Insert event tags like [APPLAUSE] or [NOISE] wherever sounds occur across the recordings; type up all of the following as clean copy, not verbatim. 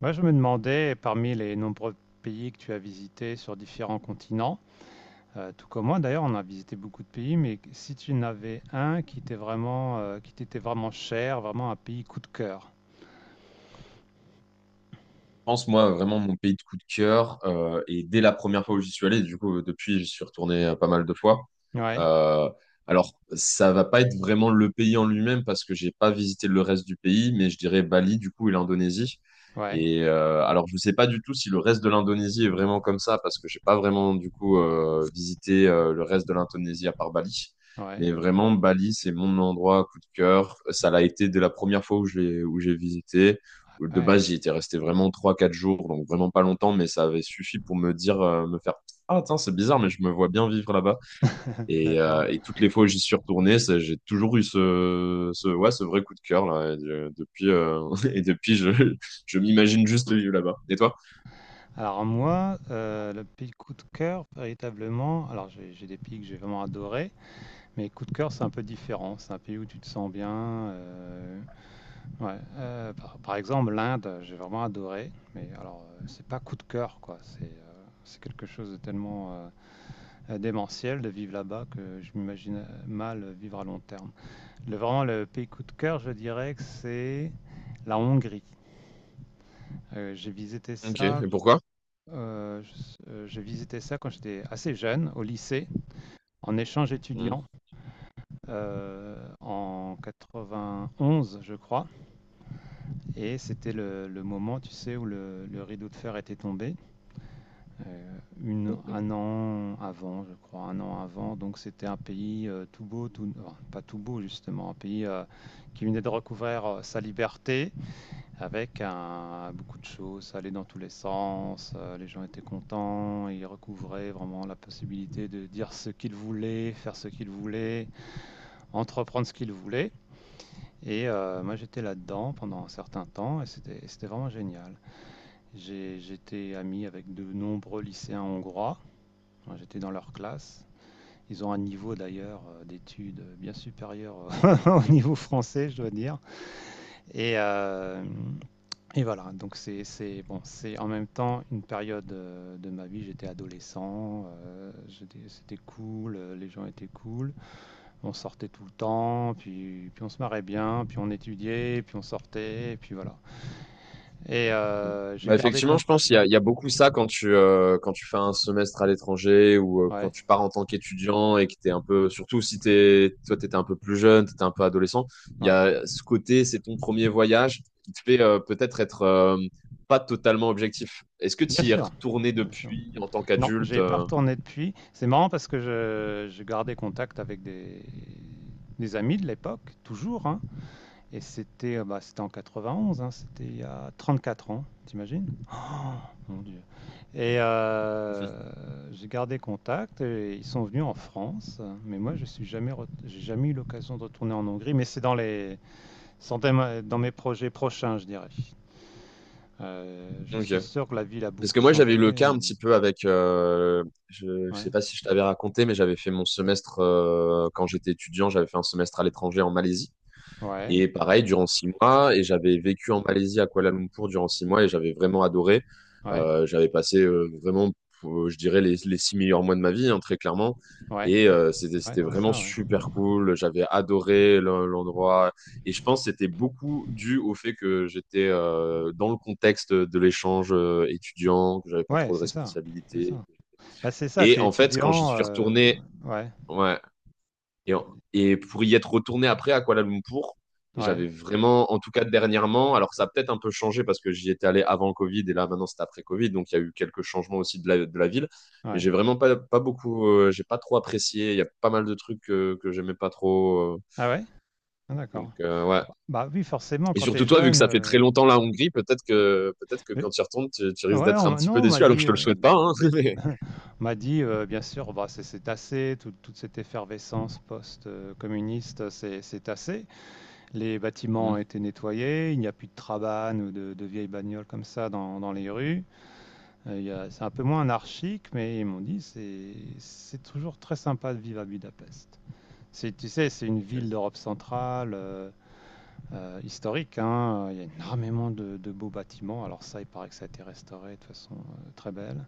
Moi, je me demandais, parmi les nombreux pays que tu as visités sur différents continents, tout comme moi d'ailleurs. On a visité beaucoup de pays, mais si tu en avais un qui t'est vraiment, qui t'était vraiment cher, vraiment un pays coup de cœur. Pense, moi, vraiment, mon pays de coup de cœur, et dès la première fois où j'y suis allé, du coup, depuis, j'y suis retourné pas mal de fois. Ouais, Euh, alors, ça va pas être vraiment le pays en lui-même parce que j'ai pas visité le reste du pays, mais je dirais Bali, du coup, et l'Indonésie. ouais, Et alors, je sais pas du tout si le reste de l'Indonésie est vraiment comme ça parce que j'ai pas vraiment, du coup, visité le reste de l'Indonésie à part Bali. ouais, Mais vraiment, Bali, c'est mon endroit coup de cœur. Ça l'a été dès la première fois où j'ai visité. De ouais. base, j'y étais resté vraiment trois quatre jours, donc vraiment pas longtemps, mais ça avait suffi pour me faire : « Ah, tiens, c'est bizarre, mais je me vois bien vivre là-bas. » Et, D'accord. Toutes les fois où j'y suis retourné, j'ai toujours eu ouais, ce vrai coup de cœur, là. [LAUGHS] Et depuis, je m'imagine juste vivre là-bas. Et toi? Alors moi, le pays coup de cœur, véritablement. Alors j'ai des pays que j'ai vraiment adorés, mais coup de cœur, c'est un peu différent. C'est un pays où tu te sens bien. euh, Ouais, par exemple, l'Inde, j'ai vraiment adoré, mais alors, c'est pas coup de cœur, quoi. C'est quelque chose de tellement, démentiel de vivre là-bas que je m'imagine, mal, vivre à long terme. Le vraiment le pays coup de cœur, je dirais que c'est la Hongrie. J'ai visité OK, et ça, pourquoi? Je s j'ai visité ça quand j'étais assez jeune, au lycée, en échange étudiant, heu, en 91, je crois, et c'était le moment, tu sais, où le rideau de fer était tombé. Une un an avant, je crois, un an avant. Donc c'était un pays, tout beau, tout, enfin, pas tout beau justement, un pays, qui venait de recouvrir, sa liberté avec un beaucoup de choses. Ça allait dans tous les sens, les gens étaient contents, ils recouvraient vraiment la possibilité de dire ce qu'ils voulaient, faire ce qu'ils voulaient, entreprendre ce qu'ils voulaient, et moi j'étais là-dedans pendant un certain temps, et c'était vraiment génial. J'étais ami avec de nombreux lycéens hongrois. J'étais dans leur classe. Ils ont un niveau d'ailleurs d'études bien supérieur [LAUGHS] au niveau français, je dois dire. Et, euh, et voilà, donc c'est bon. C'est en même temps une période de ma vie. J'étais adolescent, c'était cool, les gens étaient cool. On sortait tout le temps, puis, puis on se marrait bien, puis on étudiait, puis on sortait, et puis voilà. Et j'ai Bah, gardé effectivement, compte. je pense qu'il y Ouais, a, il y a beaucoup ça quand tu fais un semestre à l'étranger ou quand ouais, tu pars en tant qu'étudiant et que t'es un peu, surtout si toi, t'étais un peu plus jeune, t'étais un peu adolescent, il y ouais, a ce côté, c'est ton premier voyage qui te fait peut-être être, pas totalement objectif. Est-ce que bien tu y es sûr. retourné Bien sûr. depuis en tant Non, qu'adulte? j'ai pas retourné depuis. C'est marrant parce que je gardais contact avec des amis de l'époque, toujours, hein. Et c'était c'était en 91, hein, c'était il y a 34 ans, t'imagines? Oh, mon Dieu. Et [LAUGHS] j'ai gardé contact et ils sont venus en France. Mais moi, je suis jamais, j'ai jamais eu l'occasion de retourner en Hongrie. Mais c'est dans les, sans thème- dans mes projets prochains, je dirais. Je OK. suis sûr que la ville a Parce beaucoup que moi, changé. j'avais eu le cas un Mais... petit peu avec, je sais Ouais, pas si je t'avais raconté, mais j'avais fait mon semestre quand j'étais étudiant, j'avais fait un semestre à l'étranger en Malaisie. ouais, Et pareil, durant 6 mois, et j'avais vécu en Malaisie à Kuala Lumpur durant 6 mois et j'avais vraiment adoré. ouais, J'avais passé vraiment, je dirais, les 6 meilleurs mois de ma vie, hein, très clairement. ouais. Et c'était, Ouais, c'était c'est vraiment ça, ouais. super cool. J'avais adoré l'endroit. Et je pense que c'était beaucoup dû au fait que j'étais dans le contexte de l'échange étudiant, que j'avais pas Ouais, trop de c'est ça. C'est responsabilités. ça. Bah, c'est ça, Et t'es en fait, quand j'y étudiant. suis retourné, Ouais, ouais, et, en- et pour y être retourné après à Kuala Lumpur, ouais, j'avais vraiment, en tout cas dernièrement, alors ça a peut-être un peu changé parce que j'y étais allé avant le Covid et là maintenant c'est après Covid, donc il y a eu quelques changements aussi de la ville. Mais ouais. j'ai vraiment pas, pas beaucoup, j'ai pas trop apprécié. Il y a pas mal de trucs que j'aimais pas trop. Ah ouais? Ah, Donc d'accord. Ouais. Bah, bah oui, forcément, Et quand surtout t'es toi, vu que jeune. ça fait très longtemps la Hongrie, peut-être que mais- quand tu y retournes, tu risques Ouais, d'être un petit peu non, on m'a déçu, alors que dit. je te le souhaite pas, hein. [LAUGHS] Mais- [LAUGHS] On m'a dit, bien sûr, bah, c'est assez, toute cette effervescence post-communiste, c'est assez. Les bâtiments Hmm. ont été nettoyés, il n'y a plus de trabanes ou de vieilles bagnoles comme ça dans, dans les rues. Il y a- C'est un peu moins anarchique, mais ils m'ont dit c'est toujours très sympa de vivre à Budapest. C'est- Tu sais, c'est une ville OK. d'Europe centrale, historique, hein. Il y a énormément de beaux bâtiments. Alors ça, il paraît que ça a été restauré de façon très belle.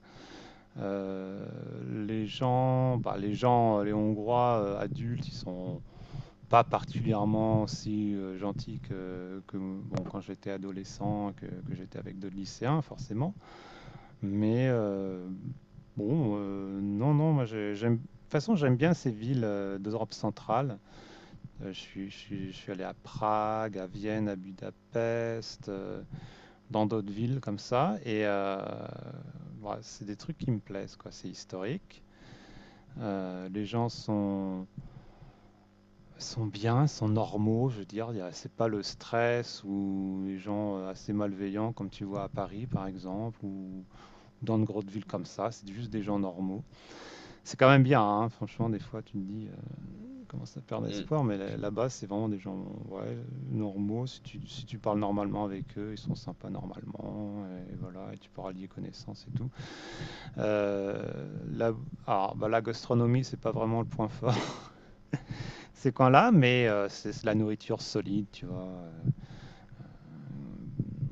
Euh, les gens, bah, les gens, les Hongrois adultes, ils sont pas particulièrement si gentils que, bon, quand j'étais adolescent, que j'étais avec d'autres lycéens, forcément. Mais bon, non, non, j'aime. De toute façon, j'aime bien ces villes d'Europe centrale. Je suis allé à Prague, à Vienne, à Budapest, dans d'autres villes comme ça. Et voilà, c'est des trucs qui me plaisent, quoi. C'est historique. Les gens sont, sont bien, sont normaux, je veux dire. Il y a- C'est pas le stress ou les gens assez malveillants comme tu vois à Paris, par exemple, ou dans de grosses villes comme ça. C'est juste des gens normaux. C'est quand même bien, hein. Franchement, des fois tu te dis, comment ça perd Hmm. espoir, mais là-bas c'est vraiment des gens, ouais, normaux. Si tu, si tu parles normalement avec eux, ils sont sympas normalement, et voilà, et tu pourras lier connaissances et tout. Euh, là, alors, bah, la gastronomie, c'est pas vraiment le point fort [LAUGHS] ces coins-là, mais c'est la nourriture solide, tu vois.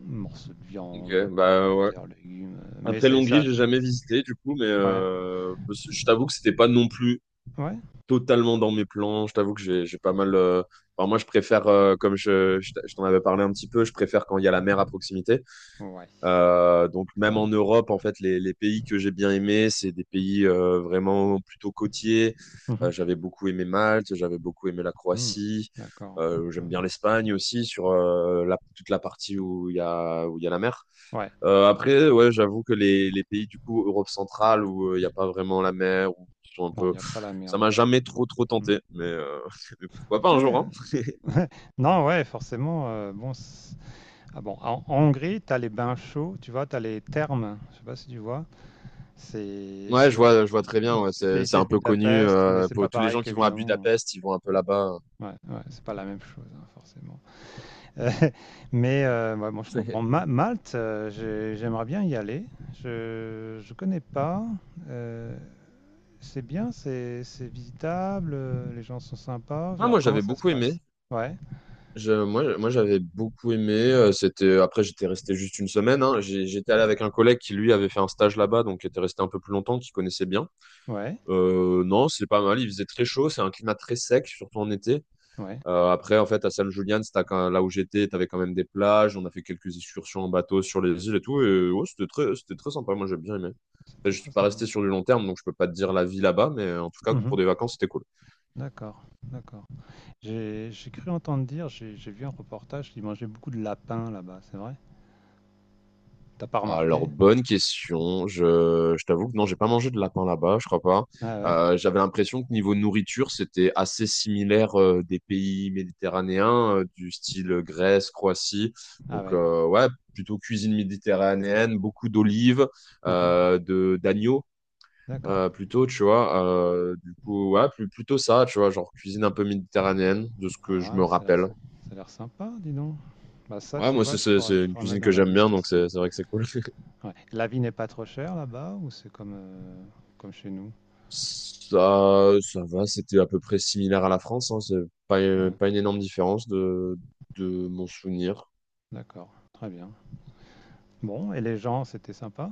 Morceaux de OK, viande, pommes bah de ouais. terre, légumes. Mais Après c'est l'Hongrie, ça. j'ai jamais visité du coup, mais Ouais. Je t'avoue que c'était pas non plus Ouais. totalement dans mes plans. Je t'avoue que j'ai pas mal. Enfin, moi, je préfère, comme je t'en avais parlé un petit peu, je préfère quand il y a la mer à proximité. Ouais. Donc même Ouais. en Europe, en fait, les pays que j'ai bien aimés, c'est des pays vraiment plutôt côtiers. Mhm. J'avais beaucoup aimé Malte, j'avais beaucoup aimé la Mm. Croatie. D'accord. Ouais. J'aime bien l'Espagne aussi sur toute la partie où il y a la mer. Ouais. Après, ouais, j'avoue que les pays du coup Europe centrale où il n'y a pas vraiment la mer ou qui sont un Non, il peu, n'y a pas la mer ça m'a du tout. jamais trop trop Mm. tenté, mais, [LAUGHS] mais pourquoi pas un jour, Ouais. hein. [LAUGHS] Non, ouais, forcément. Bon, ah bon, en Hongrie, tu as les bains chauds, tu vois, tu as les thermes. Je sais pas si tu vois. C'est Ouais, c'est je vois très une bien. des Ouais, c'est spécialités un de peu connu Budapest, mais c'est pas pour tous les pareil gens qui vont à qu'évidemment. Budapest, ils vont un peu là-bas. Ouais, ouais, ouais, c'est pas la même chose, hein, forcément. Euh, [LAUGHS] mais ouais, bon, je C'est- comprends. [LAUGHS] Malte, j'aimerais bien y aller. Je connais pas. Euh, C'est bien, c'est visitable, les gens sont sympas. Ah, moi Alors comment j'avais ça se beaucoup aimé. passe? Ouais, Moi, j'avais beaucoup aimé. C'était après j'étais resté juste 1 semaine. Hein. J'étais allé avec un collègue qui lui avait fait un stage là-bas, donc qui était resté un peu plus longtemps, qui connaissait bien. ouais, Non, c'est pas mal. Il faisait très chaud. C'est un climat très sec, surtout en été. ouais. Après, en fait, à San Julian, c'était là où j'étais, tu avais quand même des plages. On a fait quelques excursions en bateau sur les îles et tout. Et ouais, c'était très sympa. Moi, j'ai bien aimé. Après, C'était je suis très pas sympa. resté sur du long terme, donc je peux pas te dire la vie là-bas, mais en tout cas, pour Mmh. des vacances, c'était cool. D'accord, d'accord. J'ai cru entendre dire, j'ai vu un reportage qu'ils mangeaient beaucoup de lapins là-bas, c'est vrai? T'as pas remarqué? Alors, bonne question. Je t'avoue que non, j'ai pas mangé de lapin là-bas, je crois pas. Ah ouais? J'avais l'impression que niveau nourriture, c'était assez similaire des pays méditerranéens, du style Grèce, Croatie. Ah Donc, ouais. Ouais, plutôt cuisine méditerranéenne, beaucoup d'olives, Hein hein. De d'agneaux, D'accord. Plutôt, tu vois. Du coup, ouais, plutôt ça, tu vois, genre cuisine un peu méditerranéenne, de ce que je Ah, me ça a l'air, rappelle. ça a l'air sympa, dis donc. Bah ça, Ouais, tu moi, vois, c'est c'est- c'est je une pourrais mettre cuisine que dans la j'aime bien, liste donc aussi. c'est vrai que c'est cool. Ouais. La vie n'est pas trop chère là-bas ou c'est comme, comme chez nous? Ça va, c'était à peu près similaire à la France, hein. C'est pas, Hein. pas une énorme différence de, mon souvenir. D'accord, très bien. Bon, et les gens, c'était sympa?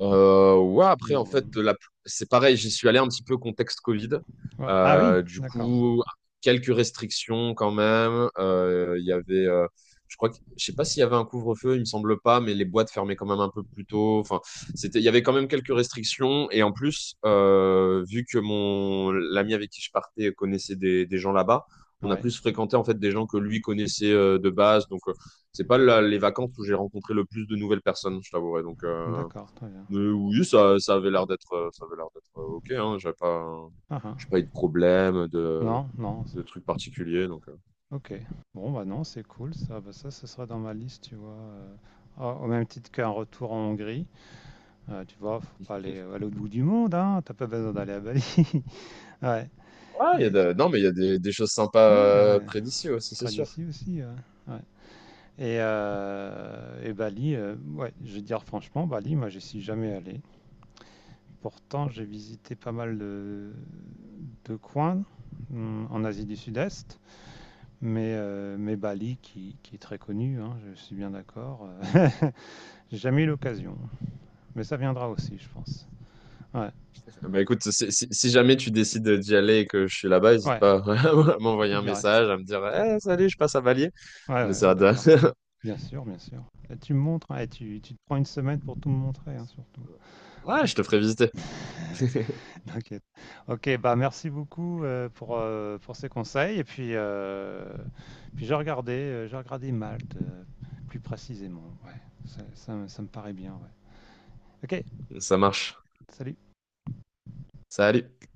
Ouais, après, en fait, Normal. C'est pareil, j'y suis allé un petit peu contexte Covid. Ouais. Ah oui, Du d'accord. coup, quelques restrictions quand même. Il y avait, je crois que, je sais pas s'il y avait un couvre-feu, il me semble pas, mais les boîtes fermaient quand même un peu plus tôt. Enfin, c'était, il y avait quand même quelques restrictions. Et en plus, vu que l'ami avec qui je partais connaissait des gens là-bas, on a Ouais, plus fréquenté en fait des gens que lui connaissait de base. Donc, c'est pas les vacances où j'ai rencontré le plus de nouvelles personnes, je t'avouerai. Donc, d'accord, très bien. mais oui, ça, ça avait l'air d'être OK, hein. Ah ah. J'ai pas eu de problème, de, Non, non. Trucs particuliers, donc. Ok. Bon, bah non, c'est cool ça. Bah ça, ce sera dans ma liste, tu vois. Ah, au même titre qu'un retour en Hongrie. Tu vois, faut pas aller à l'autre bout du monde, hein. T'as pas besoin d'aller à Bali. [LAUGHS] Ouais. Ah, il y a Et- non, mais il y a des, choses sympas Ouais, ouais. près d'ici aussi, c'est Près sûr. d'ici aussi, ouais. Ouais. Et Bali, ouais, je vais dire franchement, Bali, moi, j'y suis jamais allé. Pourtant, j'ai visité pas mal de coin, mm, en Asie du Sud-Est. Mais Bali, qui est très connu, hein, je suis bien d'accord. [LAUGHS] J'ai jamais eu l'occasion. Mais ça viendra aussi, je pense. Ouais, Bah écoute, si jamais tu décides d'y aller et que je suis là-bas, n'hésite ouais, pas [LAUGHS] à je m'envoyer te un dirai. message, à me dire, eh, salut, je passe à Valier. Ouais, On ouais, ouais, essaiera de. d'accord. [LAUGHS] Bien sûr, bien sûr. Et tu me montres, hein, et tu te prends une semaine pour tout me montrer, hein, surtout. Ouais, Ouais, je te ferai visiter. [LAUGHS] [LAUGHS] t'inquiète. Ok, bah merci beaucoup pour ces conseils. Et puis, puis j'ai regardé Malte plus précisément. Ouais, ça, ça me paraît bien. Ouais. Ok. Ça marche. Salut. Salut.